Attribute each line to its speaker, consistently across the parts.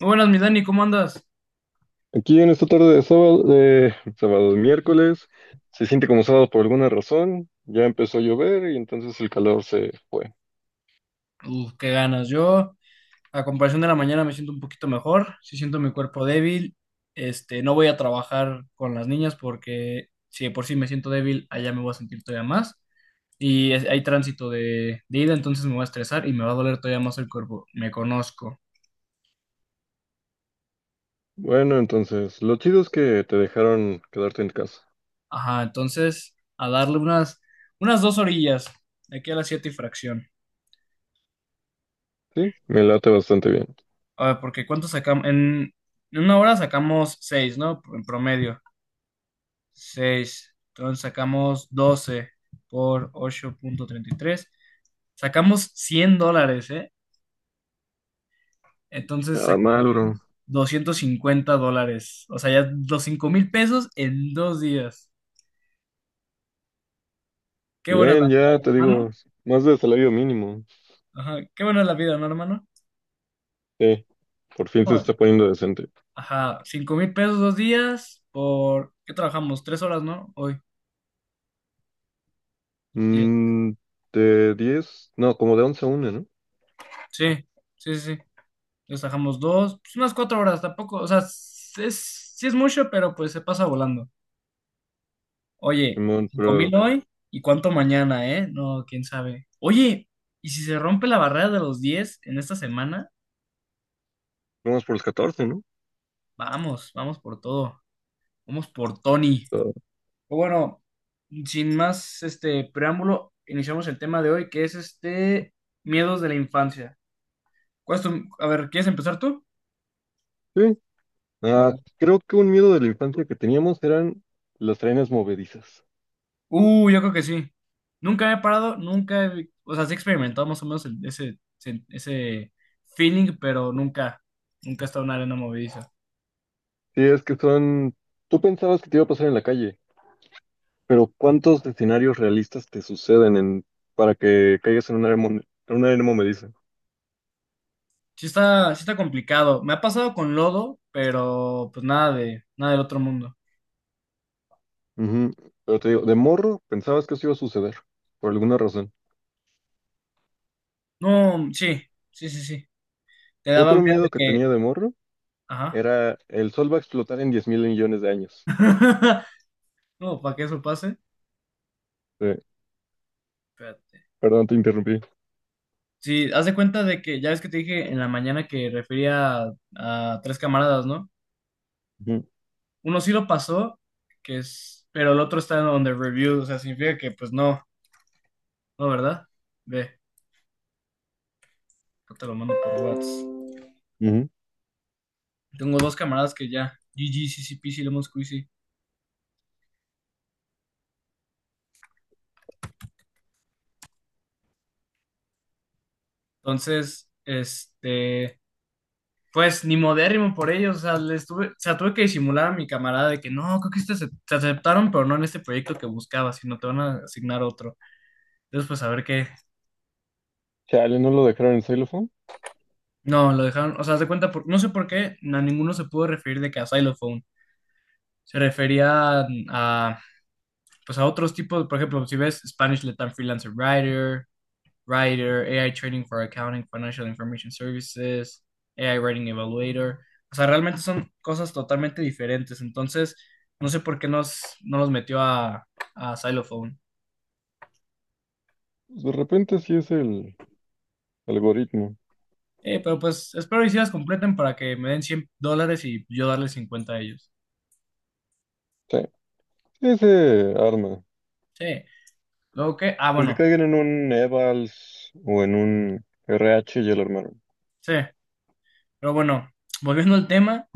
Speaker 1: Muy buenas, mi Dani, ¿cómo andas?
Speaker 2: Aquí en esta tarde de sábado, miércoles, se siente como sábado por alguna razón. Ya empezó a llover y entonces el calor se fue.
Speaker 1: Uf, qué ganas. Yo, a comparación de la mañana, me siento un poquito mejor. Sí siento mi cuerpo débil. No voy a trabajar con las niñas porque si de por sí me siento débil, allá me voy a sentir todavía más. Hay tránsito de ida, entonces me voy a estresar y me va a doler todavía más el cuerpo. Me conozco.
Speaker 2: Bueno, entonces, lo chido es que te dejaron quedarte en casa.
Speaker 1: Ajá, entonces, a darle unas dos orillas, de aquí a las 7 y fracción.
Speaker 2: Sí, me late bastante bien.
Speaker 1: A ver, porque ¿cuánto sacamos? En una hora sacamos 6, ¿no? En promedio. 6, Entonces sacamos 12 por 8.33. Sacamos $100, ¿eh? Entonces
Speaker 2: Nada
Speaker 1: sacamos
Speaker 2: mal, bro.
Speaker 1: $250. O sea, ya los $5,000 en 2 días. Qué buena es la
Speaker 2: Bien,
Speaker 1: vida,
Speaker 2: ya te
Speaker 1: ¿no,
Speaker 2: digo,
Speaker 1: hermano?
Speaker 2: más de salario mínimo.
Speaker 1: Ajá, qué buena es la vida, ¿no, hermano?
Speaker 2: Sí, por fin se
Speaker 1: No,
Speaker 2: está poniendo decente.
Speaker 1: ajá, $5,000 2 días por... ¿Qué trabajamos? 3 horas, ¿no? Hoy. Ya.
Speaker 2: Mm, de 10, no, como de 11 a 1, ¿no?
Speaker 1: Sí, sí, sí, sí. Entonces trabajamos dos, pues unas 4 horas tampoco. O sea, sí es mucho, pero pues se pasa volando. Oye,
Speaker 2: Simón,
Speaker 1: cinco
Speaker 2: pero
Speaker 1: mil hoy y cuánto mañana, ¿eh? No, quién sabe. Oye, ¿y si se rompe la barrera de los 10 en esta semana?
Speaker 2: vamos por los 14, ¿no?
Speaker 1: Vamos, vamos por todo. Vamos por Tony.
Speaker 2: Está-
Speaker 1: Pero bueno, sin más preámbulo, iniciamos el tema de hoy, que es este: miedos de la infancia. A ver, ¿quieres empezar tú?
Speaker 2: Sí,
Speaker 1: A
Speaker 2: ah,
Speaker 1: ver.
Speaker 2: creo que un miedo de la infancia que teníamos eran las trenes movedizas.
Speaker 1: Yo creo que sí. Nunca he parado, nunca he... O sea, sí he experimentado más o menos ese feeling, pero nunca he estado en una arena movediza.
Speaker 2: Sí, es que son. Tú pensabas que te iba a pasar en la calle, pero ¿cuántos escenarios realistas te suceden en, para que caigas en una, en una arena movediza?
Speaker 1: Sí está complicado. Me ha pasado con lodo, pero pues nada del otro mundo.
Speaker 2: Ujú. Pero te digo, de morro pensabas que eso iba a suceder, por alguna razón.
Speaker 1: No, sí, sí, sí, sí. Te daba
Speaker 2: Otro
Speaker 1: miedo de
Speaker 2: miedo que
Speaker 1: que,
Speaker 2: tenía de morro
Speaker 1: ajá.
Speaker 2: era el sol va a explotar en 10,000 millones de años.
Speaker 1: No, para que eso pase.
Speaker 2: Sí,
Speaker 1: Espérate.
Speaker 2: perdón, te interrumpí.
Speaker 1: Sí, haz de cuenta de que ya ves que te dije en la mañana que refería a 3 camaradas, ¿no?
Speaker 2: Ujú,
Speaker 1: Uno sí lo pasó, que es, pero el otro está on the review, o sea, significa que pues no, no, ¿verdad? Ve, yo te lo mando por WhatsApp.
Speaker 2: ujú.
Speaker 1: Tengo 2 camaradas que ya, g g c CCP, sí, Lemon Squeezy. Entonces, pues ni modérrimo por ellos, o sea, les tuve, o sea, tuve que disimular a mi camarada de que no, creo que te aceptaron, pero no en este proyecto que buscaba, sino te van a asignar otro. Entonces, pues a ver qué.
Speaker 2: Chale, no lo dejaron en Xylophone.
Speaker 1: No, lo dejaron, o sea, haz de cuenta, no sé por qué, a ninguno se pudo referir de que a Xylophone. Se refería a, pues a otros tipos, por ejemplo, si ves Spanish Letter Freelancer Writer, AI Trading for Accounting, Financial Information Services, AI Writing Evaluator. O sea, realmente son cosas totalmente diferentes. Entonces, no sé por qué no los metió a Xylophone.
Speaker 2: Pues, de repente sí es el algoritmo.
Speaker 1: Pero pues espero y si las completen para que me den $100 y yo darles 50 a ellos.
Speaker 2: Sí. Ese arma.
Speaker 1: Sí. Luego que, ah,
Speaker 2: Aunque
Speaker 1: bueno,
Speaker 2: caigan en un Evals o en un RH, ya lo armaron.
Speaker 1: sí. Pero bueno, volviendo al tema,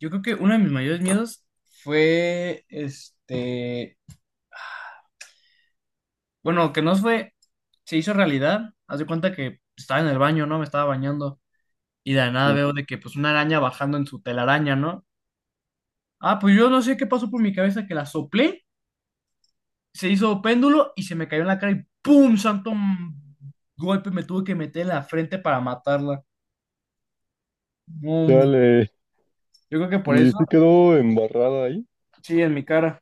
Speaker 1: yo creo que uno de mis mayores miedos fue bueno, que no fue, se hizo realidad. Haz de cuenta que estaba en el baño, ¿no? Me estaba bañando y de la nada
Speaker 2: Mm.
Speaker 1: veo de que pues una araña bajando en su telaraña, ¿no? Ah, pues yo no sé qué pasó por mi cabeza que la soplé, se hizo péndulo y se me cayó en la cara y ¡pum! Golpe me tuve que meter en la frente para matarla. Mm.
Speaker 2: Dale.
Speaker 1: Yo creo que por
Speaker 2: Y
Speaker 1: eso,
Speaker 2: se quedó embarrada ahí.
Speaker 1: sí, en mi cara.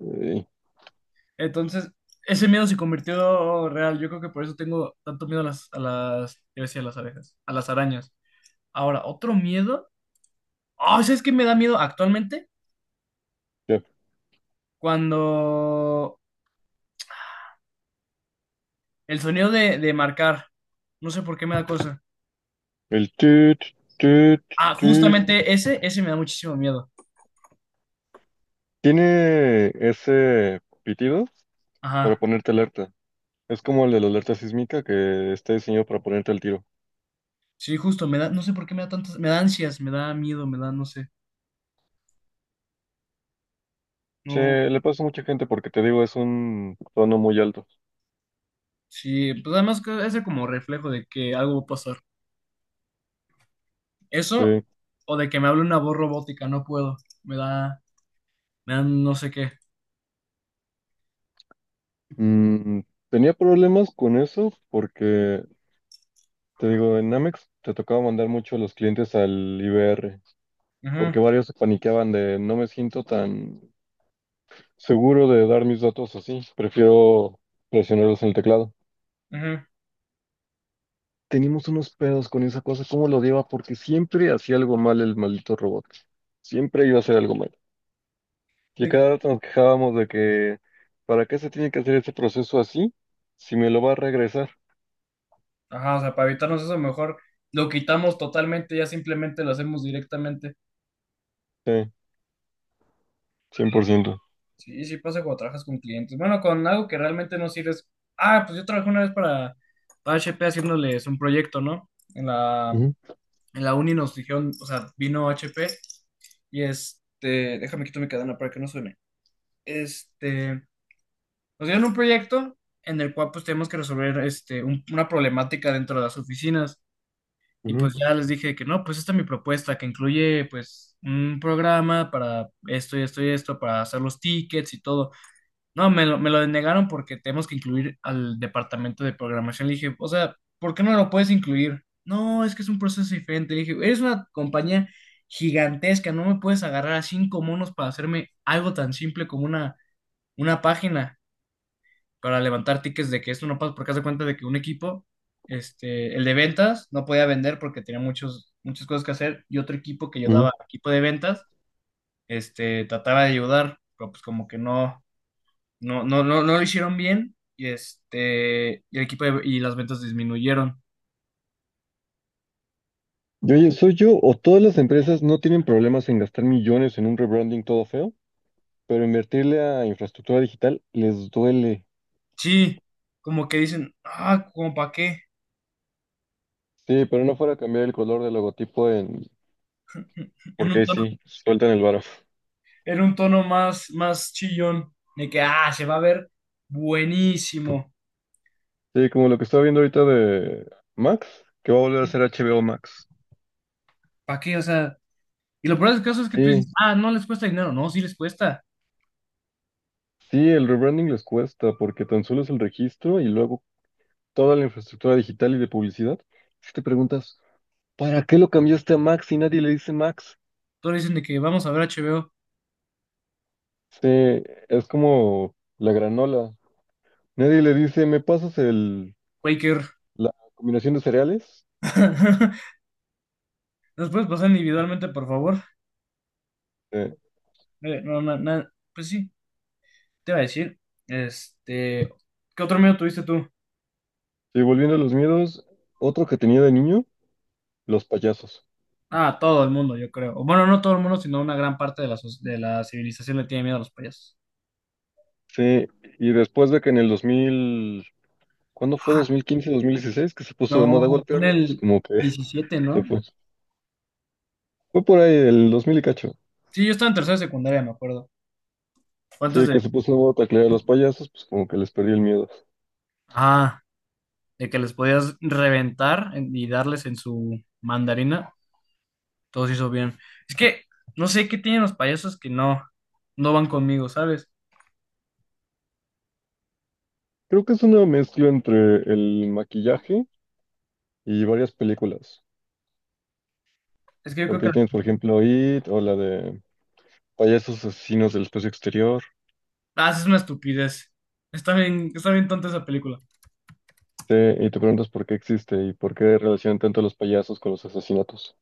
Speaker 2: Eh,
Speaker 1: Entonces, ese miedo se convirtió real. Yo creo que por eso tengo tanto miedo a las, yo decía, a las abejas, a las arañas. Ahora, otro miedo. Oh, ¿sabes qué me da miedo actualmente?
Speaker 2: ya.
Speaker 1: Cuando el sonido de marcar, no sé por qué me da cosa.
Speaker 2: El tut, tut,
Speaker 1: Ah,
Speaker 2: tut.
Speaker 1: justamente ese me da muchísimo miedo.
Speaker 2: Tiene ese pitido para
Speaker 1: Ajá.
Speaker 2: ponerte alerta. Es como el de la alerta sísmica que está diseñado para ponerte al tiro.
Speaker 1: Sí, justo, me da, no sé por qué me da tantas, me da ansias, me da miedo, me da, no sé. No,
Speaker 2: Se le pasa a mucha gente porque te digo, es un tono muy alto.
Speaker 1: sí, pues además que ese como reflejo de que algo va a pasar. Eso,
Speaker 2: Sí.
Speaker 1: o de que me hable una voz robótica, no puedo. Me da, me da no sé qué.
Speaker 2: Mm, tenía problemas con eso porque te digo, en Amex te tocaba mandar mucho a los clientes al IBR,
Speaker 1: Ajá,
Speaker 2: porque varios se paniqueaban de no me siento tan seguro de dar mis datos así, prefiero presionarlos en el teclado.
Speaker 1: ajá.
Speaker 2: Teníamos unos pedos con esa cosa, cómo lo lleva, porque siempre hacía algo mal el maldito robot. Siempre iba a hacer algo mal. Y a
Speaker 1: De que-
Speaker 2: cada rato nos quejábamos de que, ¿para qué se tiene que hacer ese proceso así si me lo va a regresar?
Speaker 1: ajá, o sea, para evitarnos eso mejor lo quitamos totalmente, ya simplemente lo hacemos directamente.
Speaker 2: Sí, 100%.
Speaker 1: Sí, sí pasa cuando trabajas con clientes. Bueno, con algo que realmente no sirves. Ah, pues yo trabajé una vez para HP haciéndoles un proyecto, ¿no?
Speaker 2: Ujú,
Speaker 1: En la uni nos dijeron, o sea, vino HP y déjame quito mi cadena para que no suene. Este, nos dieron un proyecto en el cual pues tenemos que resolver este, una problemática dentro de las oficinas. Y
Speaker 2: ujú,
Speaker 1: pues ya les dije que no, pues esta es mi propuesta, que incluye pues un programa para esto y esto y esto, para hacer los tickets y todo. No, me lo denegaron porque tenemos que incluir al departamento de programación. Le dije, o sea, ¿por qué no lo puedes incluir? No, es que es un proceso diferente. Le dije, eres una compañía gigantesca, no me puedes agarrar a 5 monos para hacerme algo tan simple como una página para levantar tickets de que esto no pasa, porque haz de cuenta de que un equipo, este, el de ventas, no podía vender porque tenía muchas cosas que hacer, y otro equipo que
Speaker 2: ujú.
Speaker 1: ayudaba, equipo de ventas, este, trataba de ayudar, pero pues como que no. No, no, no, no lo hicieron bien y este, y las ventas disminuyeron.
Speaker 2: ¿Soy yo o todas las empresas no tienen problemas en gastar millones en un rebranding todo feo, pero invertirle a infraestructura digital les duele?
Speaker 1: Sí, como que dicen, ah, como para qué,
Speaker 2: Sí, pero no fuera a cambiar el color del logotipo en.
Speaker 1: en
Speaker 2: Porque
Speaker 1: un
Speaker 2: ahí
Speaker 1: tono,
Speaker 2: sí, sueltan el varo.
Speaker 1: en un tono más, más chillón, de que, ah, se va a ver buenísimo,
Speaker 2: Sí, como lo que estaba viendo ahorita de Max, que va a volver a ser HBO Max.
Speaker 1: ¿para qué? O sea, y lo peor del caso es que tú
Speaker 2: Sí,
Speaker 1: dices, ah, no les cuesta dinero, no, sí les cuesta.
Speaker 2: sí, el rebranding les cuesta porque tan solo es el registro y luego toda la infraestructura digital y de publicidad. Si te preguntas, ¿para qué lo cambiaste a Max si nadie le dice Max?
Speaker 1: Todos dicen de que vamos a ver HBO,
Speaker 2: Sí, es como la granola. Nadie le dice, ¿me pasas el,
Speaker 1: Quaker.
Speaker 2: la combinación de cereales?
Speaker 1: ¿Nos puedes pasar individualmente, por favor?
Speaker 2: Eh,
Speaker 1: No, no, no, pues sí, te iba a decir, este, ¿qué otro miedo tuviste tú?
Speaker 2: y volviendo a los miedos, otro que tenía de niño, los payasos.
Speaker 1: Ah, todo el mundo, yo creo. O bueno, no todo el mundo, sino una gran parte de de la civilización le tiene miedo a los payasos.
Speaker 2: Sí, y después de que en el 2000, ¿cuándo fue?
Speaker 1: Ah,
Speaker 2: ¿2015, 2016? Que se puso de moda
Speaker 1: no, fue en
Speaker 2: golpearlos, pues
Speaker 1: el
Speaker 2: como que
Speaker 1: diecisiete,
Speaker 2: se
Speaker 1: ¿no?
Speaker 2: fue. Fue por ahí, el 2000 y cacho.
Speaker 1: Sí, yo estaba en tercera secundaria, me acuerdo. Fue antes
Speaker 2: Sí,
Speaker 1: de...
Speaker 2: que se puso de moda taclear a los payasos, pues como que les perdí el miedo.
Speaker 1: Ah, de que les podías reventar y darles en su mandarina. Todo se hizo bien. Es que no sé qué tienen los payasos que no, no van conmigo, ¿sabes?
Speaker 2: Creo que es una mezcla entre el maquillaje y varias películas.
Speaker 1: Es que yo creo
Speaker 2: Porque
Speaker 1: que...
Speaker 2: ahí tienes, por ejemplo, IT o la de payasos asesinos del espacio exterior.
Speaker 1: Ah, es una estupidez. Está bien tonta esa película.
Speaker 2: Sí, y te preguntas por qué existe y por qué relacionan tanto los payasos con los asesinatos.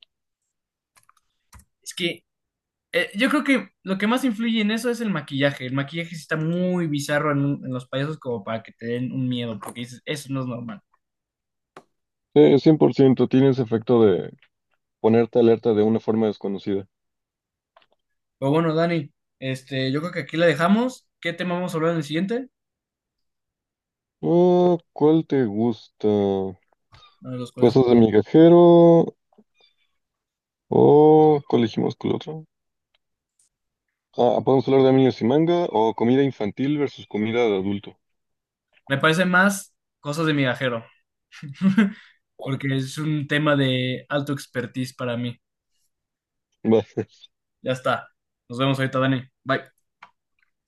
Speaker 1: Es que eh, yo creo que lo que más influye en eso es el maquillaje. El maquillaje sí está muy bizarro en, en los payasos como para que te den un miedo, porque dices, eso no es normal.
Speaker 2: Sí, 100%. Tiene ese efecto de ponerte alerta de una forma desconocida.
Speaker 1: Pero bueno, Dani, yo creo que aquí la dejamos. ¿Qué tema vamos a hablar en el siguiente?
Speaker 2: Ah, ¿cuál te gusta?
Speaker 1: Uno de los cuales
Speaker 2: ¿Cosas de migajero o cuál elegimos con el otro? Ah, podemos hablar de animes y manga o comida infantil versus comida de adulto.
Speaker 1: me parece más cosas de migajero, porque es un tema de alto expertise para mí.
Speaker 2: Va.
Speaker 1: Ya está. Nos vemos ahorita, Dani. Bye.